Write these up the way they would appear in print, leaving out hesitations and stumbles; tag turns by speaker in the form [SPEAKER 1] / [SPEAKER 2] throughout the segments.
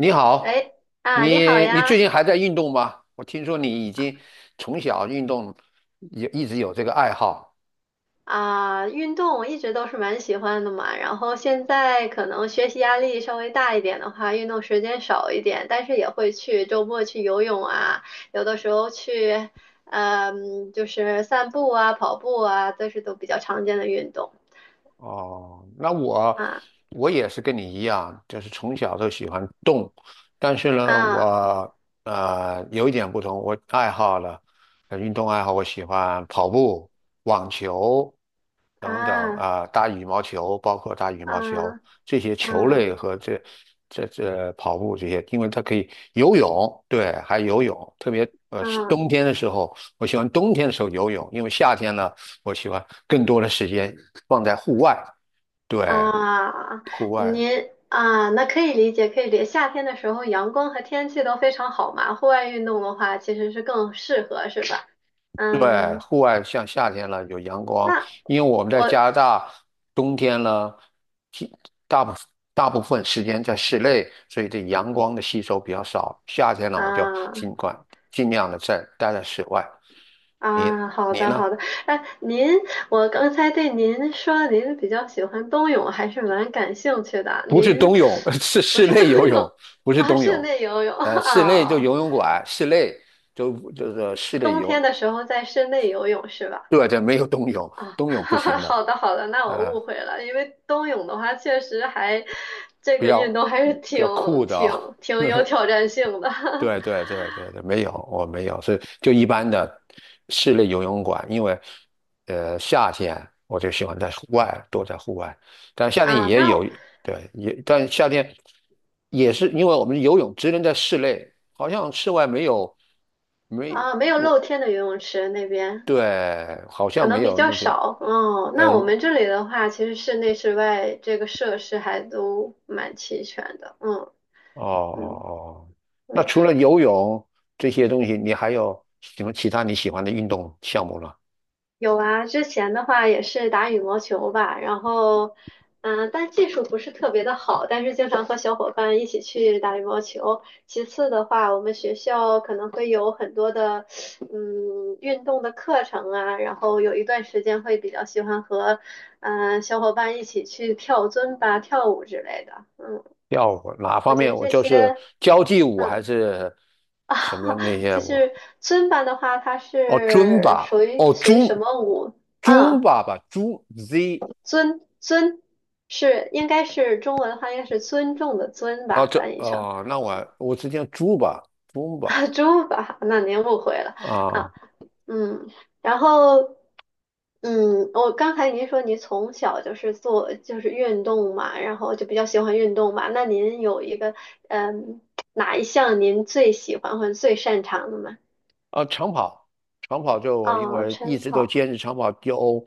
[SPEAKER 1] 你好，
[SPEAKER 2] 哎，啊，你好
[SPEAKER 1] 你最
[SPEAKER 2] 呀！
[SPEAKER 1] 近还在运动吗？我听说你已经从小运动，也一直有这个爱好。
[SPEAKER 2] 啊，运动我一直都是蛮喜欢的嘛，然后现在可能学习压力稍微大一点的话，运动时间少一点，但是也会去周末去游泳啊，有的时候去，就是散步啊、跑步啊，这是都比较常见的运动。
[SPEAKER 1] 哦，那我
[SPEAKER 2] 啊
[SPEAKER 1] 我也是跟你一样，就是从小都喜欢动，但是呢，
[SPEAKER 2] 啊
[SPEAKER 1] 我有一点不同，我爱好了，运动爱好，我喜欢跑步、网球，等等
[SPEAKER 2] 啊
[SPEAKER 1] 啊，打羽毛球，包括打羽毛球
[SPEAKER 2] 啊
[SPEAKER 1] 这些球
[SPEAKER 2] 啊
[SPEAKER 1] 类和这跑步这些，因为它可以游泳，对，还游泳，特别
[SPEAKER 2] 啊！
[SPEAKER 1] 冬天的时候，我喜欢冬天的时候游泳，因为夏天呢，我喜欢更多的时间放在户外，对，
[SPEAKER 2] 啊，
[SPEAKER 1] 户外。
[SPEAKER 2] 您啊，那可以理解，可以理解。夏天的时候，阳光和天气都非常好嘛，户外运动的话，其实是更适合，是吧？
[SPEAKER 1] 对，
[SPEAKER 2] 嗯，
[SPEAKER 1] 户外像夏天了有阳光，
[SPEAKER 2] 那
[SPEAKER 1] 因为我们在
[SPEAKER 2] 我。
[SPEAKER 1] 加拿大，冬天呢，其大部大部分时间在室内，所以对阳光的吸收比较少。夏天呢，我就
[SPEAKER 2] 啊
[SPEAKER 1] 尽量的在待在室外。你
[SPEAKER 2] 啊，好
[SPEAKER 1] 你
[SPEAKER 2] 的
[SPEAKER 1] 呢？
[SPEAKER 2] 好的。哎，您，我刚才对您说，您比较喜欢冬泳，还是蛮感兴趣的。
[SPEAKER 1] 不是
[SPEAKER 2] 您
[SPEAKER 1] 冬泳，是
[SPEAKER 2] 不
[SPEAKER 1] 室
[SPEAKER 2] 是冬
[SPEAKER 1] 内游泳，
[SPEAKER 2] 泳。
[SPEAKER 1] 不是
[SPEAKER 2] 啊，
[SPEAKER 1] 冬
[SPEAKER 2] 室
[SPEAKER 1] 泳。
[SPEAKER 2] 内游泳
[SPEAKER 1] 呃，室内就
[SPEAKER 2] 啊，
[SPEAKER 1] 游泳馆，室内就就是室内
[SPEAKER 2] 冬
[SPEAKER 1] 游，
[SPEAKER 2] 天的时候在室内游泳是吧？
[SPEAKER 1] 对，这没有冬泳，
[SPEAKER 2] 啊，
[SPEAKER 1] 冬泳不 行的，
[SPEAKER 2] 好的好的，那我
[SPEAKER 1] 呃，
[SPEAKER 2] 误会了，因为冬泳的话，确实还这
[SPEAKER 1] 比
[SPEAKER 2] 个
[SPEAKER 1] 较
[SPEAKER 2] 运动还是
[SPEAKER 1] 比较酷的
[SPEAKER 2] 挺
[SPEAKER 1] 啊、
[SPEAKER 2] 挺有 挑战性的。
[SPEAKER 1] 对对对对对，没有，我没有，所以就一般的室内游泳馆，因为夏天我就喜欢在户外，多在户外，但 夏天
[SPEAKER 2] 啊。
[SPEAKER 1] 也有，
[SPEAKER 2] 那
[SPEAKER 1] 对，但夏天也是因为我们游泳只能在室内，好像室外没有，没，
[SPEAKER 2] 啊，没有露天的游泳池那边
[SPEAKER 1] 对，好
[SPEAKER 2] 可
[SPEAKER 1] 像没
[SPEAKER 2] 能比
[SPEAKER 1] 有
[SPEAKER 2] 较
[SPEAKER 1] 那这样，
[SPEAKER 2] 少。哦，
[SPEAKER 1] 呃，
[SPEAKER 2] 那我们这里的话，其实室内室外这个设施还都蛮齐全的。嗯
[SPEAKER 1] 哦
[SPEAKER 2] 嗯
[SPEAKER 1] 哦。哦，那
[SPEAKER 2] 嗯。
[SPEAKER 1] 除了游泳这些东西，你还有什么其他你喜欢的运动项目呢？
[SPEAKER 2] 有啊，之前的话也是打羽毛球吧，然后，但技术不是特别的好，但是经常和小伙伴一起去打羽毛球。其次的话，我们学校可能会有很多的，运动的课程啊，然后有一段时间会比较喜欢和，小伙伴一起去跳尊巴、跳舞之类的。嗯，
[SPEAKER 1] 跳舞哪
[SPEAKER 2] 我
[SPEAKER 1] 方
[SPEAKER 2] 觉
[SPEAKER 1] 面？
[SPEAKER 2] 得
[SPEAKER 1] 我
[SPEAKER 2] 这
[SPEAKER 1] 就
[SPEAKER 2] 些。
[SPEAKER 1] 是交际舞还
[SPEAKER 2] 嗯
[SPEAKER 1] 是
[SPEAKER 2] 啊，
[SPEAKER 1] 什么那 些
[SPEAKER 2] 就
[SPEAKER 1] 舞？
[SPEAKER 2] 是尊巴的话，它
[SPEAKER 1] 哦，尊
[SPEAKER 2] 是
[SPEAKER 1] 吧，
[SPEAKER 2] 属于
[SPEAKER 1] 哦，
[SPEAKER 2] 属于什么舞？
[SPEAKER 1] 尊
[SPEAKER 2] 啊？
[SPEAKER 1] 吧吧，猪 Z，
[SPEAKER 2] 尊是应该是中文的话，应该是尊重的尊
[SPEAKER 1] 哦
[SPEAKER 2] 吧，
[SPEAKER 1] 这
[SPEAKER 2] 翻译成
[SPEAKER 1] 哦，那我只讲猪吧，猪吧。
[SPEAKER 2] 啊猪吧，那您误会了
[SPEAKER 1] 啊，
[SPEAKER 2] 啊，嗯，然后我刚才您说您从小就是做就是运动嘛，然后就比较喜欢运动嘛，那您有一个嗯哪一项您最喜欢或者最擅长的吗？
[SPEAKER 1] 啊，长跑，长跑就我因
[SPEAKER 2] 哦，
[SPEAKER 1] 为一
[SPEAKER 2] 晨
[SPEAKER 1] 直都
[SPEAKER 2] 跑，
[SPEAKER 1] 坚持长跑有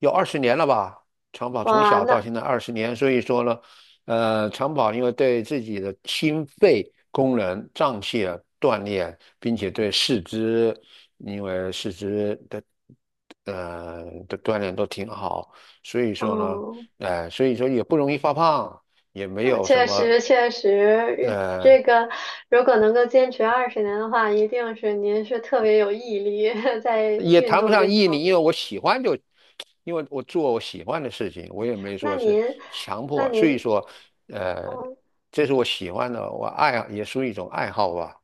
[SPEAKER 1] 有二十年了吧，长跑从
[SPEAKER 2] 哇，
[SPEAKER 1] 小到
[SPEAKER 2] 那
[SPEAKER 1] 现在二十年，所以说呢，长跑因为对自己的心肺功能、脏器的锻炼，并且对四肢，因为四肢的锻炼都挺好，所以说呢，
[SPEAKER 2] 哦。
[SPEAKER 1] 所以说也不容易发胖，也没
[SPEAKER 2] 啊
[SPEAKER 1] 有什
[SPEAKER 2] 确
[SPEAKER 1] 么。
[SPEAKER 2] 实，确实，
[SPEAKER 1] 呃。
[SPEAKER 2] 这个如果能够坚持20年的话，一定是您是特别有毅力 在
[SPEAKER 1] 也
[SPEAKER 2] 运
[SPEAKER 1] 谈不
[SPEAKER 2] 动
[SPEAKER 1] 上
[SPEAKER 2] 这
[SPEAKER 1] 毅
[SPEAKER 2] 方
[SPEAKER 1] 力，因
[SPEAKER 2] 面。
[SPEAKER 1] 为我喜欢就，因为我做我喜欢的事情，我也没说
[SPEAKER 2] 那
[SPEAKER 1] 是
[SPEAKER 2] 您，
[SPEAKER 1] 强
[SPEAKER 2] 那
[SPEAKER 1] 迫，所以
[SPEAKER 2] 您，
[SPEAKER 1] 说，呃，
[SPEAKER 2] 哦
[SPEAKER 1] 这是我喜欢的，我爱也属于一种爱好吧。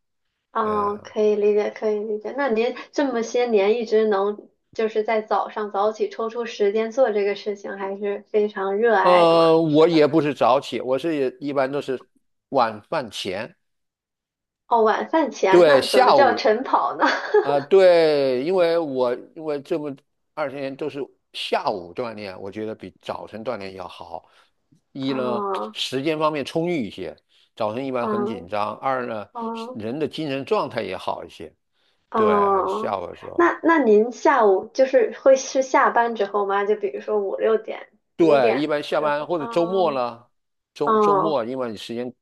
[SPEAKER 2] 哦，
[SPEAKER 1] 呃，
[SPEAKER 2] 可以理解，可以理解。那您这么些年一直能就是在早上早起抽出时间做这个事情，还是非常热爱的嘛，
[SPEAKER 1] 呃，我
[SPEAKER 2] 是吧？
[SPEAKER 1] 也不是早起，我是也一般都是晚饭前。
[SPEAKER 2] 哦，晚饭前
[SPEAKER 1] 对，
[SPEAKER 2] 呢，怎么
[SPEAKER 1] 下
[SPEAKER 2] 叫
[SPEAKER 1] 午。
[SPEAKER 2] 晨跑呢？
[SPEAKER 1] 啊、对，因为我因为这么二十年都是下午锻炼，我觉得比早晨锻炼要好。一呢，
[SPEAKER 2] 哦，
[SPEAKER 1] 时间方面充裕一些，早晨一般很紧
[SPEAKER 2] 嗯，
[SPEAKER 1] 张；二呢，
[SPEAKER 2] 哦。
[SPEAKER 1] 人的精神状态也好一些。对，
[SPEAKER 2] 哦，
[SPEAKER 1] 下午的时候。
[SPEAKER 2] 那您下午就是会是下班之后吗？就比如说5、6点、五
[SPEAKER 1] 对，一
[SPEAKER 2] 点
[SPEAKER 1] 般下
[SPEAKER 2] 之
[SPEAKER 1] 班
[SPEAKER 2] 后。
[SPEAKER 1] 或者周末
[SPEAKER 2] 哦
[SPEAKER 1] 了，周周
[SPEAKER 2] 哦，
[SPEAKER 1] 末因为你时间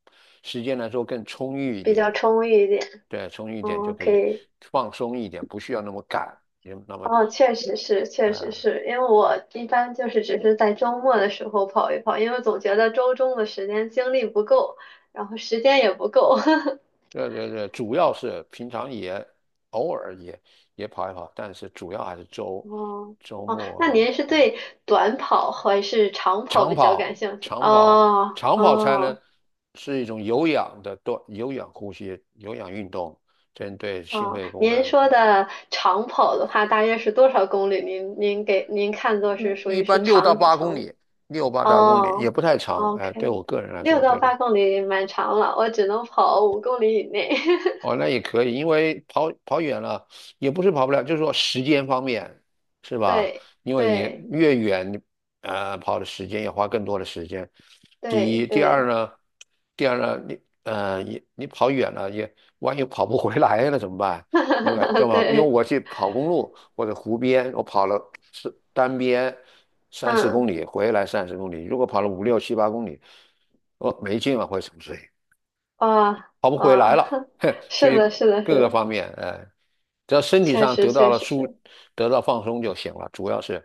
[SPEAKER 1] 时间来说更充裕一
[SPEAKER 2] 比
[SPEAKER 1] 点。
[SPEAKER 2] 较充裕一点。
[SPEAKER 1] 对，充裕一点就
[SPEAKER 2] 哦，
[SPEAKER 1] 可
[SPEAKER 2] 可
[SPEAKER 1] 以
[SPEAKER 2] 以。
[SPEAKER 1] 放松一点，不需要那么赶，也那么。
[SPEAKER 2] 哦，确实是，确实
[SPEAKER 1] 呃
[SPEAKER 2] 是，因为我一般就是只是在周末的时候跑一跑，因为总觉得周中的时间精力不够，然后时间也不够。
[SPEAKER 1] 对对对，主要是平常也偶尔也也跑一跑，但是主要还是周
[SPEAKER 2] 哦
[SPEAKER 1] 周
[SPEAKER 2] 哦，那
[SPEAKER 1] 末
[SPEAKER 2] 您是对短跑还是长跑
[SPEAKER 1] 长
[SPEAKER 2] 比较感
[SPEAKER 1] 跑、
[SPEAKER 2] 兴趣？
[SPEAKER 1] 长跑、
[SPEAKER 2] 哦
[SPEAKER 1] 长跑才能
[SPEAKER 2] 哦。
[SPEAKER 1] 是一种有氧的多有氧呼吸、有氧运动，针对心
[SPEAKER 2] 哦，
[SPEAKER 1] 肺功
[SPEAKER 2] 您
[SPEAKER 1] 能。
[SPEAKER 2] 说的长跑的话，大约是多少公里？您给您看作是
[SPEAKER 1] 嗯，
[SPEAKER 2] 属
[SPEAKER 1] 一
[SPEAKER 2] 于是
[SPEAKER 1] 般六到
[SPEAKER 2] 长
[SPEAKER 1] 八公
[SPEAKER 2] 长
[SPEAKER 1] 里，六八到公里也
[SPEAKER 2] 哦
[SPEAKER 1] 不太长。哎，对
[SPEAKER 2] ，OK，
[SPEAKER 1] 我个人来
[SPEAKER 2] 六
[SPEAKER 1] 说，
[SPEAKER 2] 到
[SPEAKER 1] 对的。
[SPEAKER 2] 八公里蛮长了，我只能跑5公里以内。
[SPEAKER 1] 哦，那也可以，因为跑跑远了也不是跑不了，就是说时间方面，是吧？
[SPEAKER 2] 对
[SPEAKER 1] 因为你
[SPEAKER 2] 对
[SPEAKER 1] 越远，跑的时间也花更多的时间。第
[SPEAKER 2] 对
[SPEAKER 1] 一，第二
[SPEAKER 2] 对。
[SPEAKER 1] 呢，第二呢，你你跑远了也，万一跑不回来了怎么办？因为对 吧？因为
[SPEAKER 2] 对。
[SPEAKER 1] 我去跑公路或者湖边，我跑了是单边三四公
[SPEAKER 2] 嗯。
[SPEAKER 1] 里，回来30公里，如果跑了5、6、7、8公里，我没劲了，会什么？
[SPEAKER 2] 啊
[SPEAKER 1] 跑不回来
[SPEAKER 2] 哇。
[SPEAKER 1] 了，所
[SPEAKER 2] 是的，
[SPEAKER 1] 以
[SPEAKER 2] 是的，是
[SPEAKER 1] 各个
[SPEAKER 2] 的。
[SPEAKER 1] 方面，呃，只要身体
[SPEAKER 2] 确
[SPEAKER 1] 上
[SPEAKER 2] 实
[SPEAKER 1] 得到
[SPEAKER 2] 确
[SPEAKER 1] 了
[SPEAKER 2] 实
[SPEAKER 1] 舒，
[SPEAKER 2] 是。
[SPEAKER 1] 得到放松就行了。主要是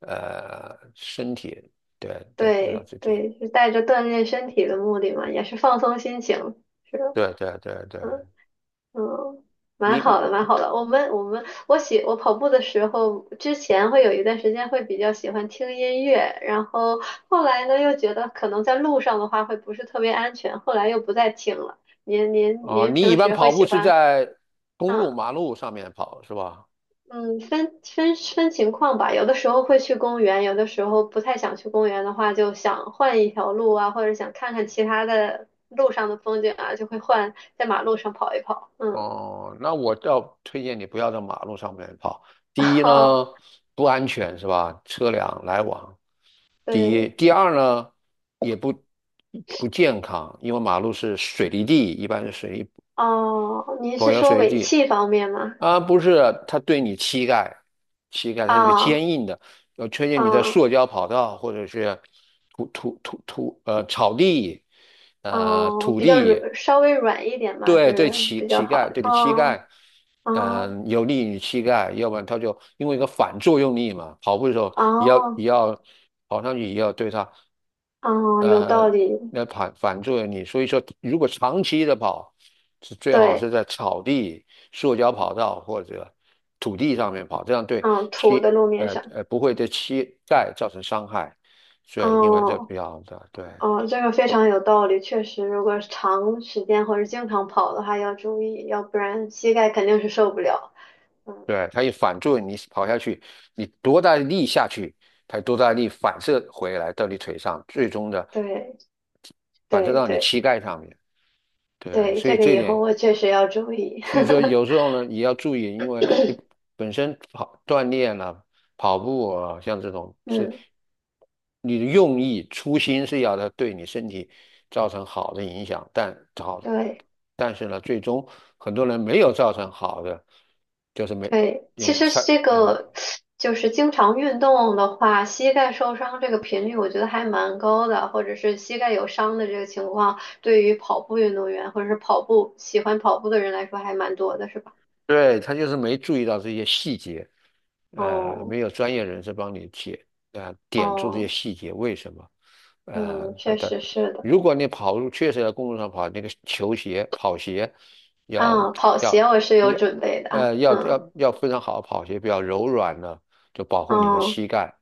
[SPEAKER 1] 呃，身体，对对，知道
[SPEAKER 2] 对
[SPEAKER 1] 自己，
[SPEAKER 2] 对，是带着锻炼身体的目的嘛，也是放松心情。是的。
[SPEAKER 1] 对对对对。
[SPEAKER 2] 嗯嗯，蛮
[SPEAKER 1] 你
[SPEAKER 2] 好的，蛮好的。我们我跑步的时候，之前会有一段时间会比较喜欢听音乐，然后后来呢又觉得可能在路上的话会不是特别安全，后来又不再听了。您您
[SPEAKER 1] 哦，
[SPEAKER 2] 您
[SPEAKER 1] 你一
[SPEAKER 2] 平
[SPEAKER 1] 般
[SPEAKER 2] 时会
[SPEAKER 1] 跑步
[SPEAKER 2] 喜
[SPEAKER 1] 是
[SPEAKER 2] 欢
[SPEAKER 1] 在公路、
[SPEAKER 2] 嗯
[SPEAKER 1] 马路上面跑是吧？
[SPEAKER 2] 嗯分情况吧，有的时候会去公园，有的时候不太想去公园的话，就想换一条路啊，或者想看看其他的路上的风景啊，就会换在马路上跑一跑。嗯，
[SPEAKER 1] 哦，那我要推荐你不要在马路上面跑。第一呢，不安全是吧？车辆来往。第一，
[SPEAKER 2] 对。
[SPEAKER 1] 第二呢，也不不健康，因为马路是水泥地，一般是水泥
[SPEAKER 2] 哦，您
[SPEAKER 1] 柏
[SPEAKER 2] 是
[SPEAKER 1] 油水
[SPEAKER 2] 说
[SPEAKER 1] 泥
[SPEAKER 2] 尾
[SPEAKER 1] 地
[SPEAKER 2] 气方面吗？
[SPEAKER 1] 啊，不是，它对你膝盖，膝盖它是个
[SPEAKER 2] 啊
[SPEAKER 1] 坚硬的，要推荐你在
[SPEAKER 2] 啊
[SPEAKER 1] 塑胶跑道或者是土呃草地，呃
[SPEAKER 2] 哦，
[SPEAKER 1] 土
[SPEAKER 2] 比较
[SPEAKER 1] 地。
[SPEAKER 2] 软，稍微软一点嘛
[SPEAKER 1] 对对，
[SPEAKER 2] 是
[SPEAKER 1] 乞丐，
[SPEAKER 2] 比
[SPEAKER 1] 膝
[SPEAKER 2] 较
[SPEAKER 1] 膝
[SPEAKER 2] 好
[SPEAKER 1] 盖
[SPEAKER 2] 的。
[SPEAKER 1] 对你膝
[SPEAKER 2] 哦
[SPEAKER 1] 盖，
[SPEAKER 2] 哦
[SPEAKER 1] 嗯，有利于膝盖，要不然他就因为一个反作用力嘛，跑步的时候也
[SPEAKER 2] 哦
[SPEAKER 1] 要跑上去，也要对他，
[SPEAKER 2] 哦，有道
[SPEAKER 1] 呃
[SPEAKER 2] 理。
[SPEAKER 1] 那反作用力。所以说，如果长期的跑，是最好是
[SPEAKER 2] 对，
[SPEAKER 1] 在草地、塑胶跑道或者土地上面跑，这样对
[SPEAKER 2] 嗯，土的
[SPEAKER 1] 膝，
[SPEAKER 2] 路面上。
[SPEAKER 1] 不会对膝盖造成伤害。对，因为这比
[SPEAKER 2] 哦
[SPEAKER 1] 较的对。
[SPEAKER 2] 哦，这个非常有道理，确实，如果是长时间或者经常跑的话，要注意，要不然膝盖肯定是受不了。嗯，
[SPEAKER 1] 对，它一反作用，你跑下去，你多大的力下去，它多大的力反射回来到你腿上，最终的
[SPEAKER 2] 对
[SPEAKER 1] 反射
[SPEAKER 2] 对
[SPEAKER 1] 到你
[SPEAKER 2] 对
[SPEAKER 1] 膝盖上面。对，
[SPEAKER 2] 对，
[SPEAKER 1] 所以
[SPEAKER 2] 这个
[SPEAKER 1] 这
[SPEAKER 2] 以后
[SPEAKER 1] 点，
[SPEAKER 2] 我确实要注意。
[SPEAKER 1] 所以说有时候呢，也要注意，因为你本身跑锻炼了、跑步啊，像这种 是
[SPEAKER 2] 嗯，
[SPEAKER 1] 你的用意、初心是要它对你身体造成好的影响，但好，
[SPEAKER 2] 对。
[SPEAKER 1] 但是呢，最终很多人没有造成好的，就是没。
[SPEAKER 2] 对，其
[SPEAKER 1] 也
[SPEAKER 2] 实
[SPEAKER 1] 上，
[SPEAKER 2] 是这
[SPEAKER 1] 嗯。
[SPEAKER 2] 个就是经常运动的话，膝盖受伤这个频率我觉得还蛮高的，或者是膝盖有伤的这个情况，对于跑步运动员或者是跑步喜欢跑步的人来说还蛮多的，是吧？
[SPEAKER 1] 对，他就是没注意到这些细节，呃，
[SPEAKER 2] 哦
[SPEAKER 1] 没有专业人士帮你解，呃，点出这些
[SPEAKER 2] 哦
[SPEAKER 1] 细节为什么，呃
[SPEAKER 2] 嗯，
[SPEAKER 1] 他
[SPEAKER 2] 确
[SPEAKER 1] 的。
[SPEAKER 2] 实是的。
[SPEAKER 1] 如果你跑路，确实在公路上跑，那个球鞋、跑鞋要
[SPEAKER 2] 啊，跑鞋
[SPEAKER 1] 要
[SPEAKER 2] 我是有
[SPEAKER 1] 要，
[SPEAKER 2] 准备的啊，
[SPEAKER 1] 呃要
[SPEAKER 2] 嗯
[SPEAKER 1] 要要非常好的跑鞋，比较柔软的，就保护你的
[SPEAKER 2] 哦，
[SPEAKER 1] 膝盖。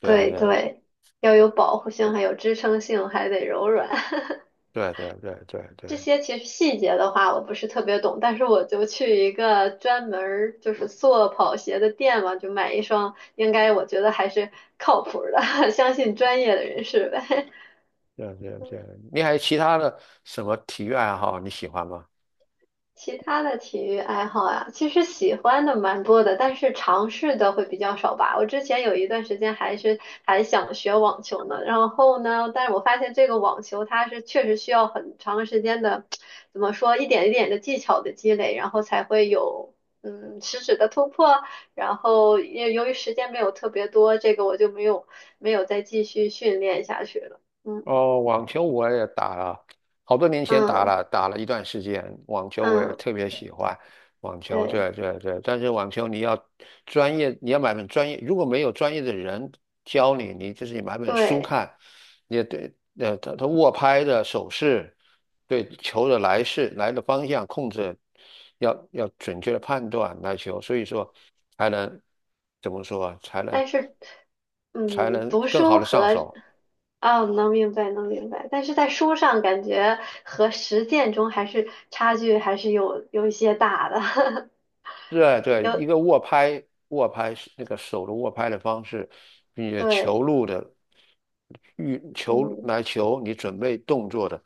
[SPEAKER 1] 对
[SPEAKER 2] 对
[SPEAKER 1] 对
[SPEAKER 2] 对，要有保护性，还有支撑性，还得柔软。
[SPEAKER 1] 对对对对对
[SPEAKER 2] 这些其实细节的话，我不是特别懂，但是我就去一个专门儿就是做跑鞋的店嘛，就买一双，应该我觉得还是靠谱的，相信专业的人士呗。
[SPEAKER 1] 对对对。你还有其他的什么体育爱好你喜欢吗？
[SPEAKER 2] 其他的体育爱好啊，其实喜欢的蛮多的，但是尝试的会比较少吧。我之前有一段时间还是还想学网球呢，然后呢，但是我发现这个网球它是确实需要很长时间的，怎么说，一点一点的技巧的积累，然后才会有实质的突破。然后也由于时间没有特别多，这个我就没有再继续训练下去了。嗯
[SPEAKER 1] 哦，网球我也打了，好多年前打
[SPEAKER 2] 嗯
[SPEAKER 1] 了，打了一段时间。网球我也
[SPEAKER 2] 嗯，
[SPEAKER 1] 特别喜欢网球，
[SPEAKER 2] 对
[SPEAKER 1] 对对对。但是网球你要专业，你要买本专业，如果没有专业的人教你，你就是你买本书
[SPEAKER 2] 对。
[SPEAKER 1] 看，你也对，呃，他握拍的手势，对球的来势、来的方向控制，要准确的判断来球，所以说才能怎么说啊，
[SPEAKER 2] 但是，
[SPEAKER 1] 才
[SPEAKER 2] 嗯，
[SPEAKER 1] 能
[SPEAKER 2] 读
[SPEAKER 1] 更好
[SPEAKER 2] 书
[SPEAKER 1] 的上
[SPEAKER 2] 和，
[SPEAKER 1] 手。
[SPEAKER 2] 啊，能明白，能明白。但是在书上感觉和实践中还是差距还是有一些大的，
[SPEAKER 1] 对 对，一
[SPEAKER 2] 有，
[SPEAKER 1] 个握拍，握拍是那个手的握拍的方式，并且球
[SPEAKER 2] 对，
[SPEAKER 1] 路的运球
[SPEAKER 2] 嗯
[SPEAKER 1] 来球，你准备动作的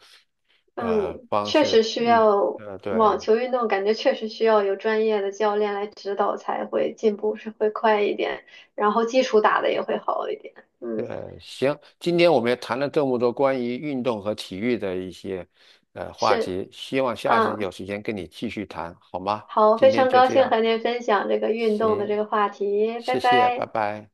[SPEAKER 1] 呃
[SPEAKER 2] 嗯，
[SPEAKER 1] 方
[SPEAKER 2] 确
[SPEAKER 1] 式
[SPEAKER 2] 实需
[SPEAKER 1] 运，
[SPEAKER 2] 要
[SPEAKER 1] 呃对
[SPEAKER 2] 网球运动，感觉确实需要有专业的教练来指导才会进步是会快一点，然后基础打的也会好一点。嗯，
[SPEAKER 1] 对。行，今天我们也谈了这么多关于运动和体育的一些呃话
[SPEAKER 2] 是，
[SPEAKER 1] 题，希望下次
[SPEAKER 2] 嗯，
[SPEAKER 1] 有时间跟你继续谈，好吗？
[SPEAKER 2] 好，
[SPEAKER 1] 今
[SPEAKER 2] 非
[SPEAKER 1] 天
[SPEAKER 2] 常
[SPEAKER 1] 就
[SPEAKER 2] 高
[SPEAKER 1] 这
[SPEAKER 2] 兴
[SPEAKER 1] 样，
[SPEAKER 2] 和您分享这个运动的这
[SPEAKER 1] 行，
[SPEAKER 2] 个话题，拜
[SPEAKER 1] 谢谢，拜
[SPEAKER 2] 拜。
[SPEAKER 1] 拜。